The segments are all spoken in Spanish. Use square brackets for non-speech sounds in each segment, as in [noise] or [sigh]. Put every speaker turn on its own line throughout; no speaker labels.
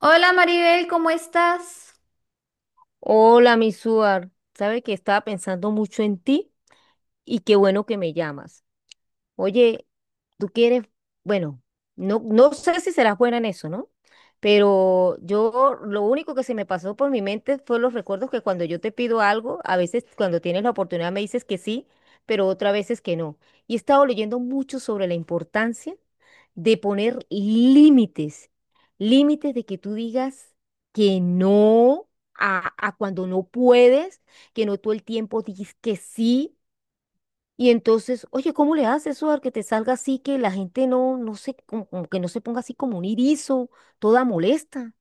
Hola Maribel, ¿cómo estás?
Hola, mi Suar. Sabe que estaba pensando mucho en ti y qué bueno que me llamas. Oye, tú quieres, bueno, no, no sé si serás buena en eso, ¿no? Pero yo lo único que se me pasó por mi mente fue los recuerdos que cuando yo te pido algo, a veces cuando tienes la oportunidad me dices que sí, pero otras veces que no. Y he estado leyendo mucho sobre la importancia de poner límites, límites de que tú digas que no a cuando no puedes, que no todo el tiempo dices que sí y entonces, oye, ¿cómo le haces, Suar, que te salga así, que la gente no, no se, como, como que no se ponga así como un irizo, toda molesta?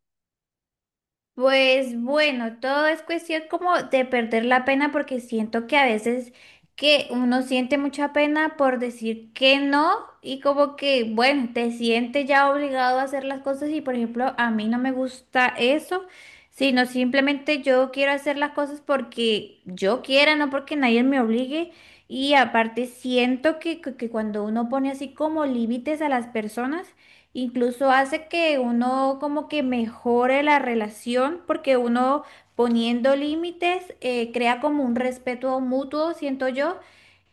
Pues bueno, todo es cuestión como de perder la pena porque siento que a veces que uno siente mucha pena por decir que no y como que, bueno, te sientes ya obligado a hacer las cosas y por ejemplo a mí no me gusta eso, sino simplemente yo quiero hacer las cosas porque yo quiera, no porque nadie me obligue y aparte siento que cuando uno pone así como límites a las personas, incluso hace que uno como que mejore la relación porque uno poniendo límites crea como un respeto mutuo, siento yo,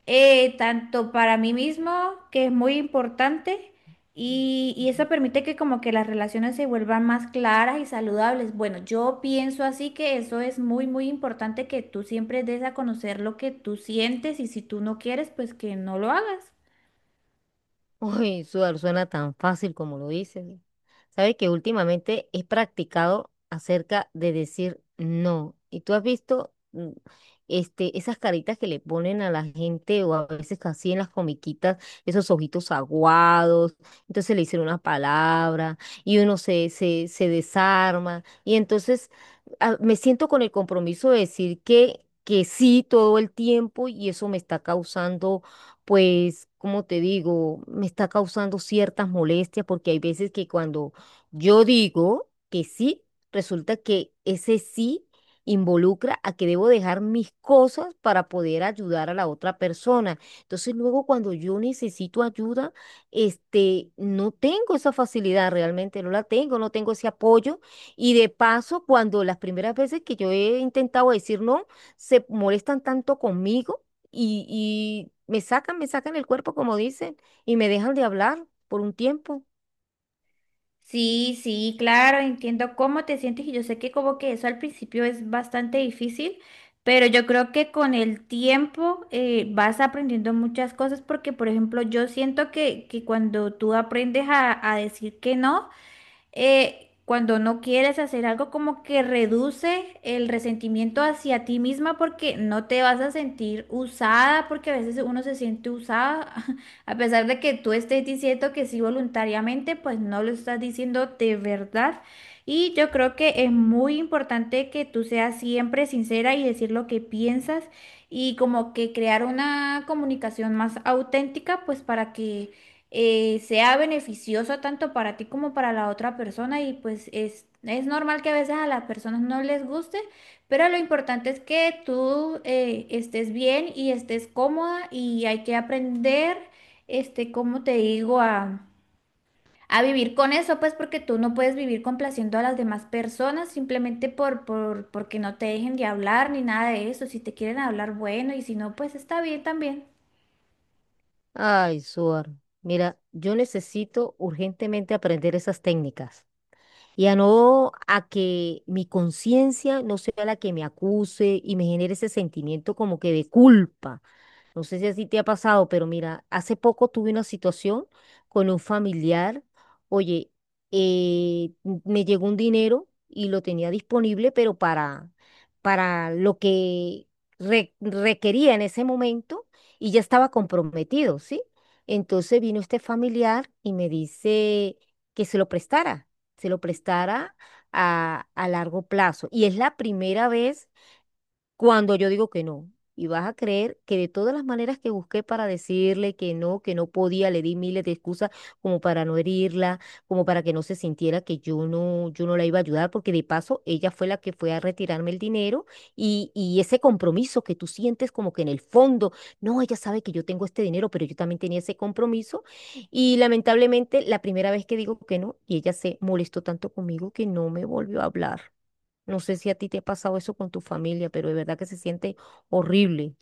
tanto para mí mismo, que es muy importante, y eso permite que como que las relaciones se vuelvan más claras y saludables. Bueno, yo pienso así que eso es muy, muy importante que tú siempre des a conocer lo que tú sientes y si tú no quieres, pues que no lo hagas.
Uy, sudar suena tan fácil como lo dices. Sabes que últimamente he practicado acerca de decir no. Y tú has visto esas caritas que le ponen a la gente o a veces casi en las comiquitas, esos ojitos aguados. Entonces le dicen una palabra y uno se desarma. Y entonces me siento con el compromiso de decir que sí todo el tiempo y eso me está causando pues, como te digo, me está causando ciertas molestias porque hay veces que cuando yo digo que sí, resulta que ese sí involucra a que debo dejar mis cosas para poder ayudar a la otra persona. Entonces, luego cuando yo necesito ayuda, no tengo esa facilidad realmente, no la tengo, no tengo ese apoyo. Y de paso, cuando las primeras veces que yo he intentado decir no, se molestan tanto conmigo y, y me sacan el cuerpo, como dicen, y me dejan de hablar por un tiempo.
Sí, sí, claro, entiendo cómo te sientes y yo sé que como que eso al principio es bastante difícil, pero yo creo que con el tiempo vas aprendiendo muchas cosas porque, por ejemplo, yo siento que cuando tú aprendes a decir que no, cuando no quieres hacer algo, como que reduce el resentimiento hacia ti misma porque no te vas a sentir usada, porque a veces uno se siente usada, [laughs] a pesar de que tú estés diciendo que sí voluntariamente, pues no lo estás diciendo de verdad. Y yo creo que es muy importante que tú seas siempre sincera y decir lo que piensas y como que crear una comunicación más auténtica, pues para que sea beneficioso tanto para ti como para la otra persona y pues es normal que a veces a las personas no les guste, pero lo importante es que tú estés bien y estés cómoda y hay que aprender, este, como te digo, a vivir con eso, pues porque tú no puedes vivir complaciendo a las demás personas simplemente por, porque no te dejen de hablar ni nada de eso, si te quieren hablar, bueno, y si no, pues está bien también.
Ay, Suar, mira, yo necesito urgentemente aprender esas técnicas y a no a que mi conciencia no sea la que me acuse y me genere ese sentimiento como que de culpa. No sé si así te ha pasado, pero mira, hace poco tuve una situación con un familiar. Oye, eh, me llegó un dinero y lo tenía disponible, para lo que requería en ese momento y ya estaba comprometido, ¿sí? Entonces vino este familiar y me dice que se lo prestara, se lo prestara a largo plazo. Y es la primera vez cuando yo digo que no. Y vas a creer que de todas las maneras que busqué para decirle que no podía, le di miles de excusas como para no herirla, como para que no se sintiera que yo no, yo no la iba a ayudar, porque de paso ella fue la que fue a retirarme el dinero y ese compromiso que tú sientes como que en el fondo, no, ella sabe que yo tengo este dinero, pero yo también tenía ese compromiso. Y lamentablemente la primera vez que digo que no, y ella se molestó tanto conmigo que no me volvió a hablar. No sé si a ti te ha pasado eso con tu familia, pero de verdad que se siente horrible.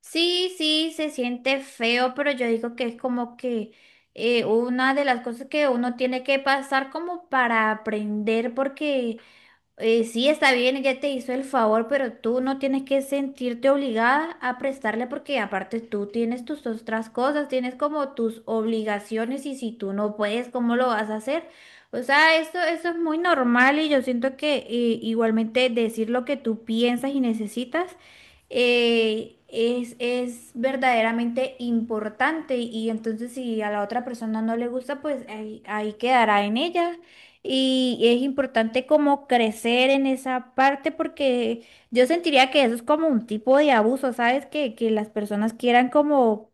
Sí, sí, se siente feo, pero yo digo que es como que una de las cosas que uno tiene que pasar como para aprender, porque sí, está bien, ella te hizo el favor, pero tú no tienes que sentirte obligada a prestarle porque aparte tú tienes tus otras cosas, tienes como tus obligaciones y si tú no puedes, ¿cómo lo vas a hacer? O sea, esto es muy normal y yo siento que igualmente decir lo que tú piensas y necesitas es verdaderamente importante y entonces si a la otra persona no le gusta, pues ahí quedará en ella. Y es importante como crecer en esa parte porque yo sentiría que eso es como un tipo de abuso, ¿sabes? Que las personas quieran como,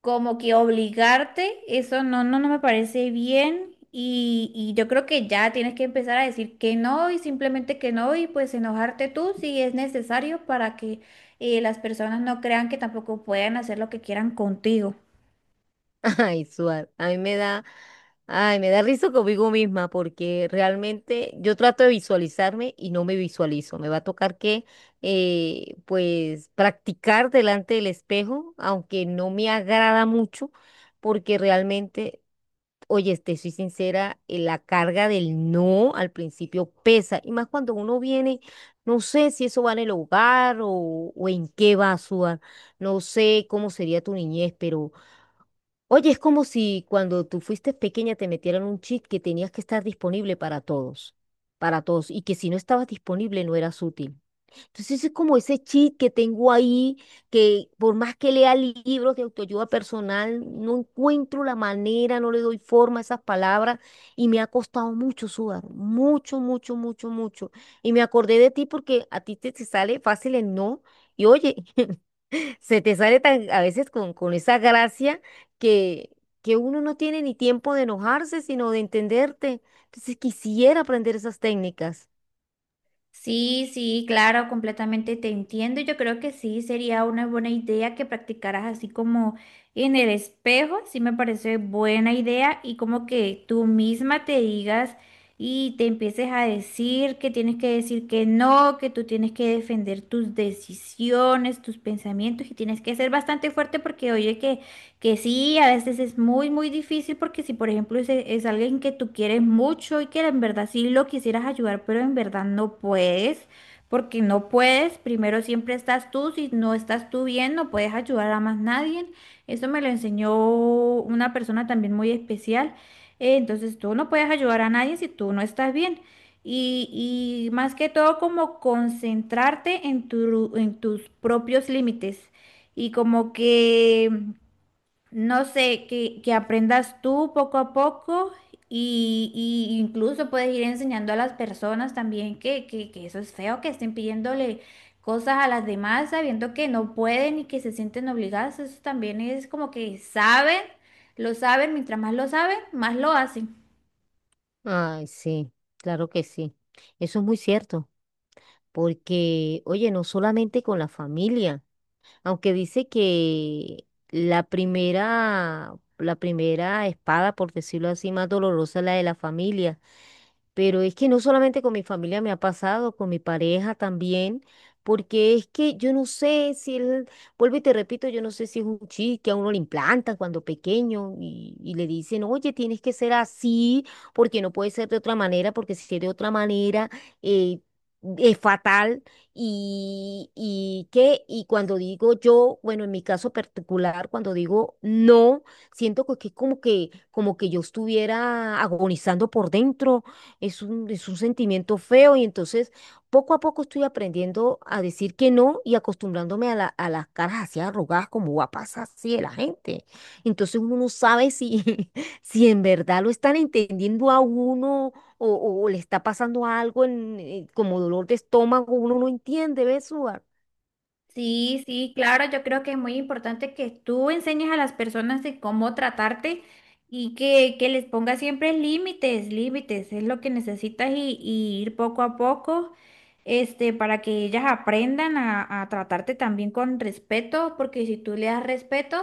como que obligarte, eso no, no, no me parece bien. Y yo creo que ya tienes que empezar a decir que no y simplemente que no y pues enojarte tú si es necesario para que las personas no crean que tampoco pueden hacer lo que quieran contigo.
[laughs] Ay, Suar, a mí me da, ay, me da risa conmigo misma porque realmente yo trato de visualizarme y no me visualizo. Me va a tocar practicar delante del espejo, aunque no me agrada mucho, porque realmente oye, te soy sincera, la carga del no al principio pesa, y más cuando uno viene, no sé si eso va en el hogar o en qué va a sudar, no sé cómo sería tu niñez, pero oye, es como si cuando tú fuiste pequeña te metieran un chip que tenías que estar disponible para todos, y que si no estabas disponible no eras útil. Entonces es como ese cheat que tengo ahí, que por más que lea libros de autoayuda personal, no encuentro la manera, no le doy forma a esas palabras y me ha costado mucho sudar, mucho, mucho, mucho, mucho. Y me acordé de ti porque a ti te sale fácil el no y oye, [laughs] se te sale tan, a veces con esa gracia que, que uno no tiene ni tiempo de enojarse, sino de entenderte. Entonces quisiera aprender esas técnicas.
Sí, sí, claro, completamente te entiendo. Yo creo que sí, sería una buena idea que practicaras así como en el espejo, sí me parece buena idea y como que tú misma te digas y te empieces a decir que tienes que decir que no, que tú tienes que defender tus decisiones, tus pensamientos y tienes que ser bastante fuerte porque oye que sí, a veces es muy, muy difícil porque si, por ejemplo, es alguien que tú quieres mucho y que en verdad sí lo quisieras ayudar, pero en verdad no puedes, porque no puedes, primero siempre estás tú, si no estás tú bien, no puedes ayudar a más nadie. Eso me lo enseñó una persona también muy especial. Entonces tú no puedes ayudar a nadie si tú no estás bien. Y más que todo como concentrarte en tu, en tus propios límites. Y como que no sé, que aprendas tú poco a poco y incluso puedes ir enseñando a las personas también que eso es feo, que estén pidiéndole cosas a las demás sabiendo que no pueden y que se sienten obligadas. Eso también es como que saben, lo saben, mientras más lo saben, más lo hacen.
Ay, sí, claro que sí. Eso es muy cierto, porque, oye, no solamente con la familia, aunque dice que la primera espada, por decirlo así, más dolorosa es la de la familia. Pero es que no solamente con mi familia me ha pasado, con mi pareja también, porque es que yo no sé si él, vuelvo y te repito, yo no sé si es un chip que a uno le implantan cuando pequeño y le dicen, oye, tienes que ser así, porque no puede ser de otra manera, porque si es de otra manera, eh, es fatal. Y cuando digo yo, bueno, en mi caso particular, cuando digo no, siento que es como que yo estuviera agonizando por dentro. Es un, es un sentimiento feo y entonces poco a poco estoy aprendiendo a decir que no y acostumbrándome a, a las caras así arrugadas como guapas así de la gente. Entonces uno no sabe si, [laughs] si en verdad lo están entendiendo a uno o o le está pasando algo en, como dolor de estómago, uno no entiende, ¿ves, Suar?
Sí, sí, claro, yo creo que es muy importante que tú enseñes a las personas de cómo tratarte y que les pongas siempre límites, límites, es lo que necesitas y ir poco a poco, este, para que ellas aprendan a tratarte también con respeto, porque si tú le das respeto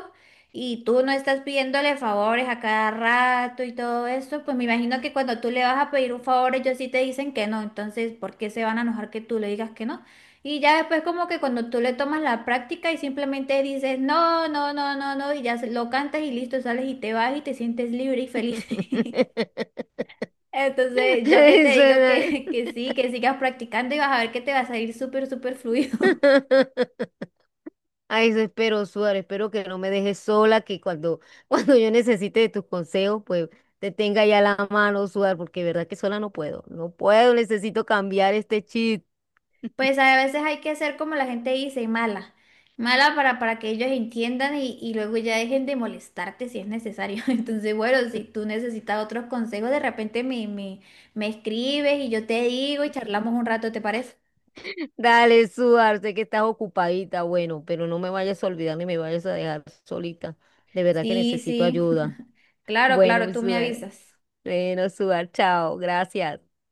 y tú no estás pidiéndole favores a cada rato y todo eso, pues me imagino que cuando tú le vas a pedir un favor, ellos sí te dicen que no, entonces, ¿por qué se van a enojar que tú le digas que no? Y ya después como que cuando tú le tomas la práctica y simplemente dices, no, no, no, no, no, y ya se- lo cantas y listo, sales y te vas y te sientes libre y feliz. [laughs]
[laughs]
Entonces, yo que te
Eso
digo
era.
que sí, que sigas practicando y vas a ver que te va a salir súper, súper fluido. [laughs]
[laughs] Ay, eso espero, Suárez. Espero que no me dejes sola, que cuando, [laughs] cuando yo necesite de tus consejos, pues te tenga ya la mano, Suárez, porque de verdad que sola no puedo. No puedo, necesito cambiar este chip.
Pues a veces hay que hacer como la gente dice, mala. Mala para que ellos entiendan y luego ya dejen de molestarte si es necesario. [laughs] Entonces, bueno, si tú necesitas otros consejos, de repente me escribes y yo te digo y charlamos un rato, ¿te parece?
[laughs] Dale, Suárez, sé que estás ocupadita, bueno, pero no me vayas a olvidar ni me vayas a dejar solita. De verdad que
Sí,
necesito
sí.
ayuda.
[laughs] Claro,
Bueno,
claro, tú me
Suárez.
avisas.
Bueno, Suárez, chao. Gracias.